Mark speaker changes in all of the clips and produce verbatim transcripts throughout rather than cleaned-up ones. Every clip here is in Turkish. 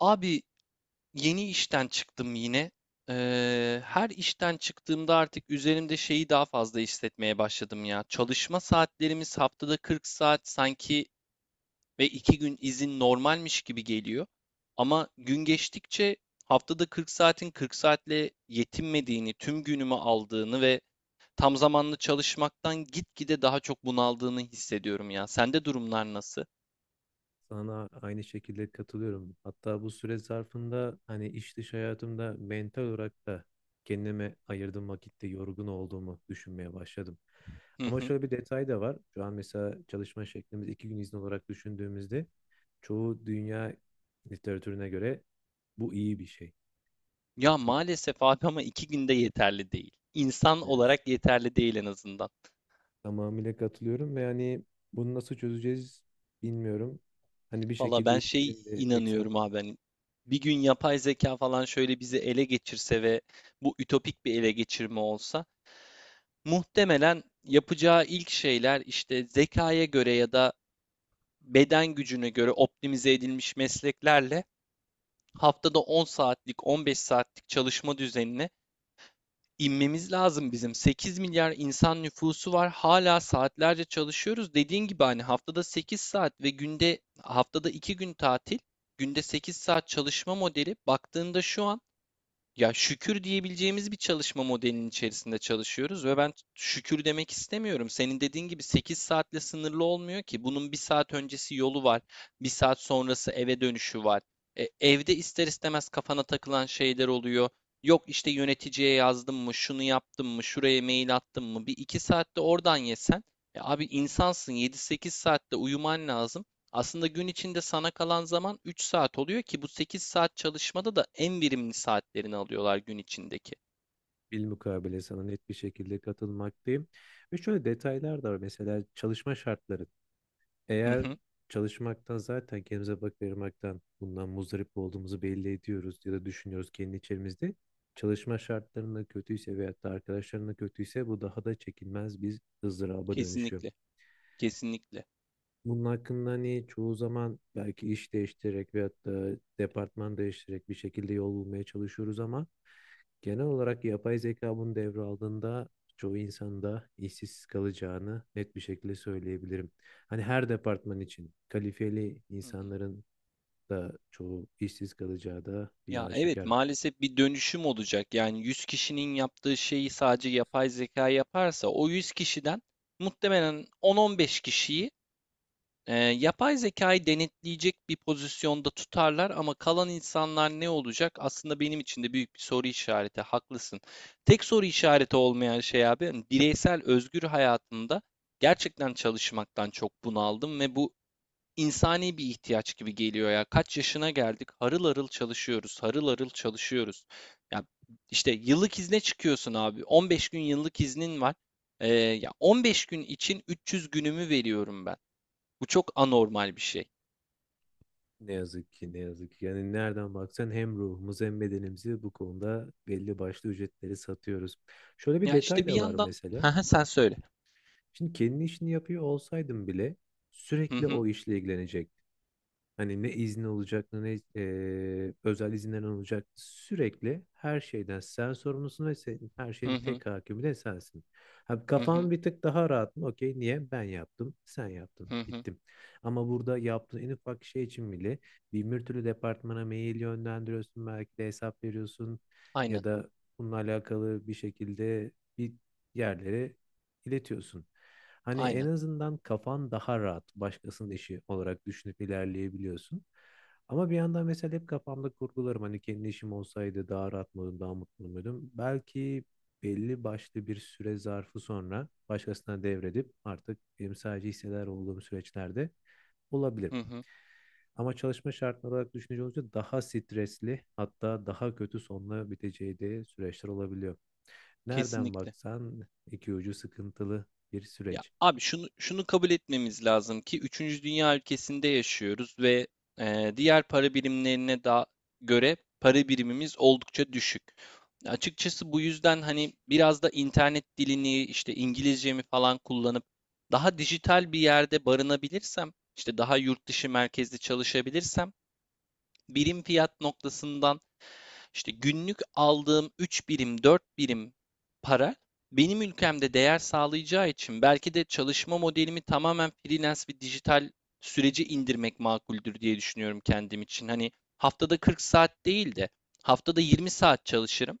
Speaker 1: Abi yeni işten çıktım yine. Eee, her işten çıktığımda artık üzerimde şeyi daha fazla hissetmeye başladım ya. Çalışma saatlerimiz haftada kırk saat sanki ve iki gün izin normalmiş gibi geliyor. Ama gün geçtikçe haftada kırk saatin kırk saatle yetinmediğini, tüm günümü aldığını ve tam zamanlı çalışmaktan gitgide daha çok bunaldığını hissediyorum ya. Sende durumlar nasıl?
Speaker 2: Sana aynı şekilde katılıyorum. Hatta bu süre zarfında hani iş dış hayatımda mental olarak da kendime ayırdığım vakitte yorgun olduğumu düşünmeye başladım. Ama şöyle bir detay da var. Şu an mesela çalışma şeklimiz iki gün izin olarak düşündüğümüzde çoğu dünya literatürüne göre bu iyi bir şey.
Speaker 1: Ya
Speaker 2: Hani
Speaker 1: maalesef abi ama iki günde yeterli değil. İnsan
Speaker 2: ne yazık
Speaker 1: olarak
Speaker 2: ki.
Speaker 1: yeterli değil en azından.
Speaker 2: Tamamıyla katılıyorum ve hani bunu nasıl çözeceğiz bilmiyorum. Hani bir
Speaker 1: Valla
Speaker 2: şekilde
Speaker 1: ben
Speaker 2: iş
Speaker 1: şey
Speaker 2: yerinde ekstra
Speaker 1: inanıyorum abi, hani bir gün yapay zeka falan şöyle bizi ele geçirse ve bu ütopik bir ele geçirme olsa muhtemelen yapacağı ilk şeyler işte zekaya göre ya da beden gücüne göre optimize edilmiş mesleklerle haftada on saatlik on beş saatlik çalışma düzenine inmemiz lazım bizim. sekiz milyar insan nüfusu var. Hala saatlerce çalışıyoruz. Dediğin gibi hani haftada sekiz saat ve günde haftada iki gün tatil, günde sekiz saat çalışma modeli baktığında şu an ya şükür diyebileceğimiz bir çalışma modelinin içerisinde çalışıyoruz ve ben şükür demek istemiyorum. Senin dediğin gibi sekiz saatle sınırlı olmuyor ki. Bunun bir saat öncesi yolu var, bir saat sonrası eve dönüşü var. E, evde ister istemez kafana takılan şeyler oluyor. Yok işte yöneticiye yazdım mı, şunu yaptım mı, şuraya mail attım mı? Bir iki saatte oradan yesen. Ya abi insansın, yedi sekiz saatte uyuman lazım. Aslında gün içinde sana kalan zaman üç saat oluyor ki bu sekiz saat çalışmada da en verimli saatlerini alıyorlar gün içindeki.
Speaker 2: bilmukabele sana net bir şekilde katılmaktayım. Ve şöyle detaylar da var. Mesela çalışma şartları.
Speaker 1: Hı
Speaker 2: Eğer
Speaker 1: hı.
Speaker 2: çalışmaktan zaten kendimize vakit ayırmaktan bundan muzdarip olduğumuzu belli ediyoruz ya da düşünüyoruz kendi içerimizde. Çalışma şartlarının kötüyse veyahut da arkadaşlarının kötüyse bu daha da çekilmez bir ızdıraba dönüşüyor.
Speaker 1: Kesinlikle. Kesinlikle.
Speaker 2: Bunun hakkında hani çoğu zaman belki iş değiştirerek veyahut da departman değiştirerek bir şekilde yol bulmaya çalışıyoruz ama genel olarak yapay zeka bunu devraldığında çoğu insanda işsiz kalacağını net bir şekilde söyleyebilirim. Hani her departman için kalifeli
Speaker 1: Hı hı.
Speaker 2: insanların da çoğu işsiz kalacağı da bir
Speaker 1: Ya evet,
Speaker 2: aşikar.
Speaker 1: maalesef bir dönüşüm olacak. Yani yüz kişinin yaptığı şeyi sadece yapay zeka yaparsa o yüz kişiden muhtemelen on on beş kişiyi Ee, yapay zekayı denetleyecek bir pozisyonda tutarlar ama kalan insanlar ne olacak? Aslında benim için de büyük bir soru işareti. Haklısın. Tek soru işareti olmayan şey abi, hani bireysel özgür hayatımda gerçekten çalışmaktan çok bunaldım ve bu insani bir ihtiyaç gibi geliyor ya. Kaç yaşına geldik? Harıl harıl çalışıyoruz, harıl harıl çalışıyoruz. Ya işte yıllık izne çıkıyorsun abi. on beş gün yıllık iznin var. Ee, ya on beş gün için üç yüz günümü veriyorum ben. Bu çok anormal bir şey.
Speaker 2: Ne yazık ki ne yazık ki. Yani nereden baksan hem ruhumuzu hem bedenimizi bu konuda belli başlı ücretleri satıyoruz. Şöyle bir
Speaker 1: Yani
Speaker 2: detay
Speaker 1: işte bir
Speaker 2: da var
Speaker 1: yandan Hı
Speaker 2: mesela.
Speaker 1: hı,
Speaker 2: Ha,
Speaker 1: sen söyle.
Speaker 2: şimdi kendi işini yapıyor olsaydım bile
Speaker 1: Hı
Speaker 2: sürekli
Speaker 1: hı.
Speaker 2: o işle ilgilenecek. Hani ne izni olacak ne e, özel izinler olacak. Sürekli her şeyden sen sorumlusun ve senin, her
Speaker 1: Hı
Speaker 2: şeyin
Speaker 1: hı.
Speaker 2: tek hakimi de sensin. Ha,
Speaker 1: Hı hı.
Speaker 2: kafan bir tık daha rahat mı? Okey niye? Ben yaptım, sen yaptın,
Speaker 1: Hı hı.
Speaker 2: bittim. Ama burada yaptığın en ufak şey için bile bin bir türlü departmana mail yönlendiriyorsun. Belki de hesap veriyorsun
Speaker 1: Aynen.
Speaker 2: ya da bununla alakalı bir şekilde bir yerlere iletiyorsun. Hani en
Speaker 1: Aynen.
Speaker 2: azından kafan daha rahat başkasının işi olarak düşünüp ilerleyebiliyorsun. Ama bir yandan mesela hep kafamda kurgularım hani kendi işim olsaydı daha rahat mıydım, daha mutlu muydum? Belki belli başlı bir süre zarfı sonra başkasına devredip artık benim sadece hissedar olduğum süreçlerde olabilir.
Speaker 1: Hı hı.
Speaker 2: Ama çalışma şartları olarak düşününce olunca daha stresli hatta daha kötü sonla biteceği de süreçler olabiliyor. Nereden
Speaker 1: Kesinlikle.
Speaker 2: baksan iki ucu sıkıntılı bir
Speaker 1: Ya
Speaker 2: süreç.
Speaker 1: abi, şunu şunu kabul etmemiz lazım ki üçüncü dünya ülkesinde yaşıyoruz ve e, diğer para birimlerine da göre para birimimiz oldukça düşük. Açıkçası bu yüzden hani biraz da internet dilini işte İngilizcemi falan kullanıp daha dijital bir yerde barınabilirsem, işte daha yurt dışı merkezli çalışabilirsem birim fiyat noktasından işte günlük aldığım üç birim, dört birim para benim ülkemde değer sağlayacağı için belki de çalışma modelimi tamamen freelance ve dijital sürece indirmek makuldür diye düşünüyorum kendim için. Hani haftada kırk saat değil de haftada yirmi saat çalışırım.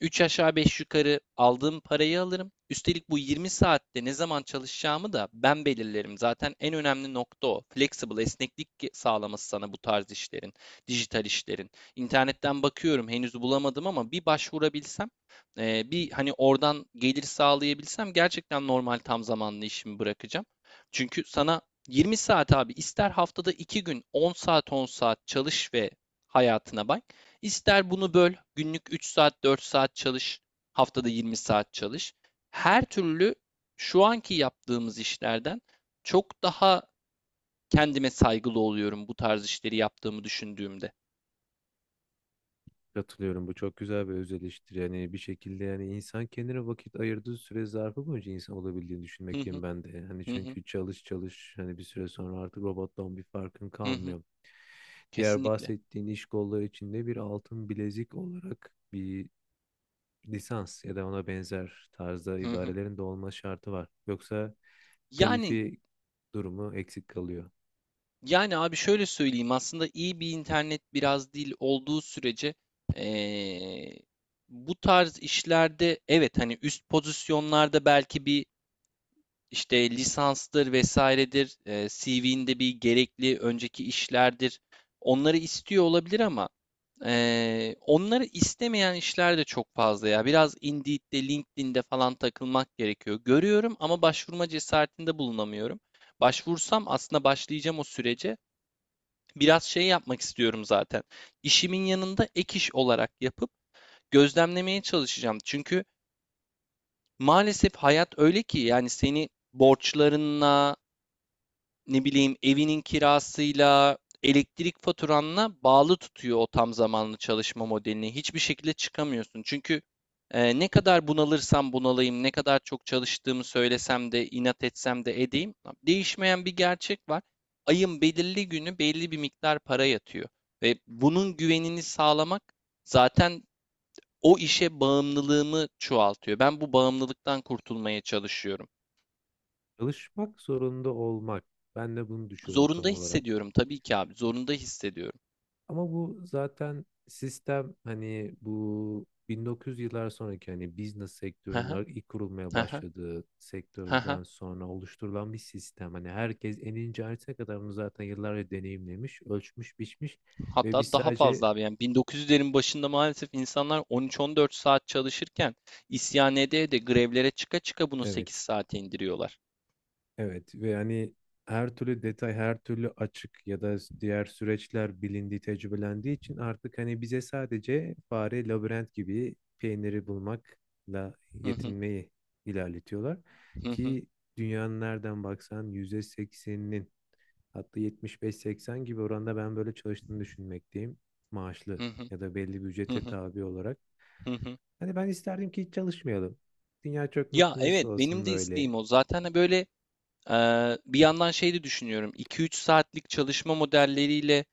Speaker 1: Üç aşağı beş yukarı aldığım parayı alırım. Üstelik bu yirmi saatte ne zaman çalışacağımı da ben belirlerim. Zaten en önemli nokta o. Flexible, esneklik sağlaması sana bu tarz işlerin, dijital işlerin. İnternetten bakıyorum, henüz bulamadım ama bir başvurabilsem, e, bir hani oradan gelir sağlayabilsem gerçekten normal tam zamanlı işimi bırakacağım. Çünkü sana yirmi saat abi, ister haftada iki gün on saat on saat çalış ve hayatına bak. İster bunu böl, günlük üç saat, dört saat çalış, haftada yirmi saat çalış. Her türlü şu anki yaptığımız işlerden çok daha kendime saygılı oluyorum bu tarz işleri yaptığımı düşündüğümde.
Speaker 2: Katılıyorum. Bu çok güzel bir öz eleştiri. Yani bir şekilde yani insan kendine vakit ayırdığı süre zarfı boyunca insan olabildiğini
Speaker 1: Hı
Speaker 2: düşünmekteyim
Speaker 1: hı,
Speaker 2: ben de. Hani
Speaker 1: hı hı,
Speaker 2: çünkü çalış çalış hani bir süre sonra artık robottan bir farkın
Speaker 1: hı hı,
Speaker 2: kalmıyor. Diğer
Speaker 1: kesinlikle.
Speaker 2: bahsettiğin iş kolları içinde bir altın bilezik olarak bir lisans ya da ona benzer tarzda
Speaker 1: Hı hı.
Speaker 2: ibarelerin de olma şartı var. Yoksa
Speaker 1: Yani
Speaker 2: kalifi durumu eksik kalıyor.
Speaker 1: yani abi, şöyle söyleyeyim, aslında iyi bir internet biraz değil olduğu sürece eee, bu tarz işlerde evet, hani üst pozisyonlarda belki bir işte lisanstır vesairedir, e, C V'nde bir gerekli önceki işlerdir. Onları istiyor olabilir ama e, onları istemeyen işler de çok fazla ya. Biraz Indeed'de, LinkedIn'de falan takılmak gerekiyor. Görüyorum ama başvurma cesaretinde bulunamıyorum. Başvursam aslında başlayacağım o sürece. Biraz şey yapmak istiyorum zaten. İşimin yanında ek iş olarak yapıp gözlemlemeye çalışacağım. Çünkü maalesef hayat öyle ki yani seni borçlarınla, ne bileyim evinin kirasıyla, elektrik faturanla bağlı tutuyor o tam zamanlı çalışma modelini. Hiçbir şekilde çıkamıyorsun. Çünkü e, ne kadar bunalırsam bunalayım, ne kadar çok çalıştığımı söylesem de, inat etsem de edeyim, tamam, değişmeyen bir gerçek var. Ayın belirli günü belli bir miktar para yatıyor ve bunun güvenini sağlamak zaten o işe bağımlılığımı çoğaltıyor. Ben bu bağımlılıktan kurtulmaya çalışıyorum.
Speaker 2: Çalışmak zorunda olmak. Ben de bunu düşünüyorum
Speaker 1: Zorunda
Speaker 2: tam olarak.
Speaker 1: hissediyorum tabii ki abi, zorunda hissediyorum.
Speaker 2: Ama bu zaten sistem hani bu bin dokuz yüz yıllar sonraki hani business sektörün ar- ilk kurulmaya
Speaker 1: Hı hı,
Speaker 2: başladığı
Speaker 1: hı hı.
Speaker 2: sektörden sonra oluşturulan bir sistem. Hani herkes en ince ayrıntısına kadar bunu zaten yıllarca deneyimlemiş, ölçmüş, biçmiş ve
Speaker 1: Hatta
Speaker 2: biz
Speaker 1: daha
Speaker 2: sadece
Speaker 1: fazla abi, yani bin dokuz yüzlerin başında maalesef insanlar on üç on dört saat çalışırken isyan ede ede, grevlere çıka çıka bunu sekiz
Speaker 2: evet.
Speaker 1: saate indiriyorlar.
Speaker 2: Evet ve yani her türlü detay, her türlü açık ya da diğer süreçler bilindiği, tecrübelendiği için artık hani bize sadece fare, labirent gibi peyniri bulmakla
Speaker 1: Hı hı,
Speaker 2: yetinmeyi ilerletiyorlar.
Speaker 1: hı hı,
Speaker 2: Ki dünyanın nereden baksan yüzde sekseninin hatta yetmiş beş seksen gibi oranda ben böyle çalıştığını düşünmekteyim.
Speaker 1: hı
Speaker 2: Maaşlı
Speaker 1: hı,
Speaker 2: ya da belli bir
Speaker 1: hı
Speaker 2: ücrete
Speaker 1: hı,
Speaker 2: tabi olarak.
Speaker 1: hı hı.
Speaker 2: Hani ben isterdim ki hiç çalışmayalım. Dünya çok
Speaker 1: Ya
Speaker 2: mutlu mesut
Speaker 1: evet, benim
Speaker 2: olsun
Speaker 1: de
Speaker 2: böyle
Speaker 1: isteğim o. Zaten de böyle eee, bir yandan şey de düşünüyorum. iki üç saatlik çalışma modelleriyle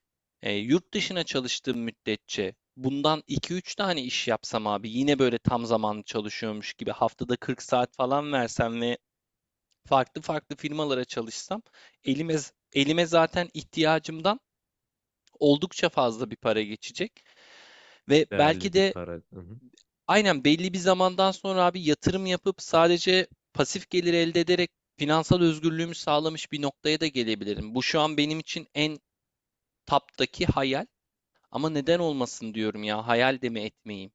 Speaker 1: e, yurt dışına çalıştığım müddetçe bundan iki üç tane iş yapsam abi, yine böyle tam zamanlı çalışıyormuş gibi haftada kırk saat falan versem ve farklı farklı firmalara çalışsam elime elime zaten ihtiyacımdan oldukça fazla bir para geçecek ve belki
Speaker 2: değerli bir
Speaker 1: de
Speaker 2: para. Hı hı.
Speaker 1: aynen belli bir zamandan sonra abi yatırım yapıp sadece pasif gelir elde ederek finansal özgürlüğümü sağlamış bir noktaya da gelebilirim. Bu şu an benim için en taptaki hayal ama neden olmasın diyorum ya, hayal de mi etmeyeyim?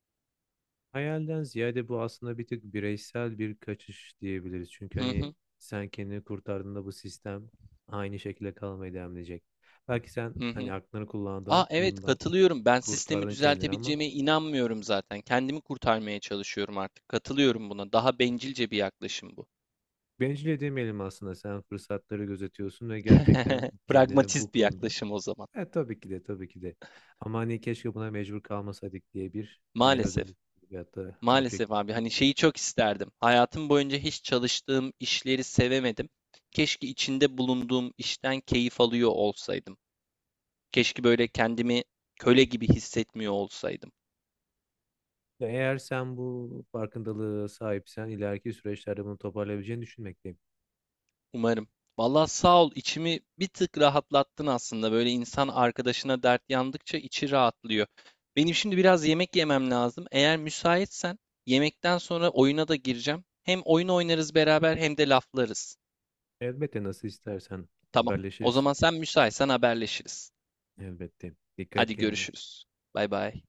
Speaker 2: Hayalden ziyade bu aslında bir tık bireysel bir kaçış diyebiliriz. Çünkü
Speaker 1: Hı
Speaker 2: hani
Speaker 1: hı,
Speaker 2: sen kendini kurtardığında bu sistem aynı şekilde kalmaya devam edecek. Belki sen
Speaker 1: hı
Speaker 2: hani
Speaker 1: hı.
Speaker 2: aklını
Speaker 1: Aa
Speaker 2: kullandın,
Speaker 1: evet,
Speaker 2: bundan
Speaker 1: katılıyorum. Ben sistemi
Speaker 2: kurtardın kendini ama
Speaker 1: düzeltebileceğime inanmıyorum zaten. Kendimi kurtarmaya çalışıyorum artık. Katılıyorum buna. Daha bencilce bir yaklaşım bu.
Speaker 2: bencil demeyelim aslında. Sen fırsatları gözetiyorsun ve gerçekten kendini bu
Speaker 1: Pragmatist bir
Speaker 2: konuda
Speaker 1: yaklaşım o zaman.
Speaker 2: e, tabii ki de tabii ki de ama hani keşke buna mecbur kalmasaydık diye bir yine özel
Speaker 1: Maalesef.
Speaker 2: veyahut da
Speaker 1: Maalesef
Speaker 2: objektif bir-
Speaker 1: abi,
Speaker 2: şey.
Speaker 1: hani şeyi çok isterdim. Hayatım boyunca hiç çalıştığım işleri sevemedim. Keşke içinde bulunduğum işten keyif alıyor olsaydım. Keşke böyle kendimi köle gibi hissetmiyor olsaydım.
Speaker 2: Eğer sen bu farkındalığı sahipsen ileriki süreçlerde bunu toparlayabileceğini düşünmekteyim.
Speaker 1: Umarım. Vallahi sağ ol, içimi bir tık rahatlattın aslında. Böyle insan arkadaşına dert yandıkça içi rahatlıyor. Benim şimdi biraz yemek yemem lazım. Eğer müsaitsen yemekten sonra oyuna da gireceğim. Hem oyun oynarız beraber hem de laflarız.
Speaker 2: Elbette nasıl istersen
Speaker 1: Tamam. O
Speaker 2: haberleşiriz.
Speaker 1: zaman sen müsaitsen haberleşiriz.
Speaker 2: Elbette. Dikkat et
Speaker 1: Hadi
Speaker 2: kendine.
Speaker 1: görüşürüz. Bay bay.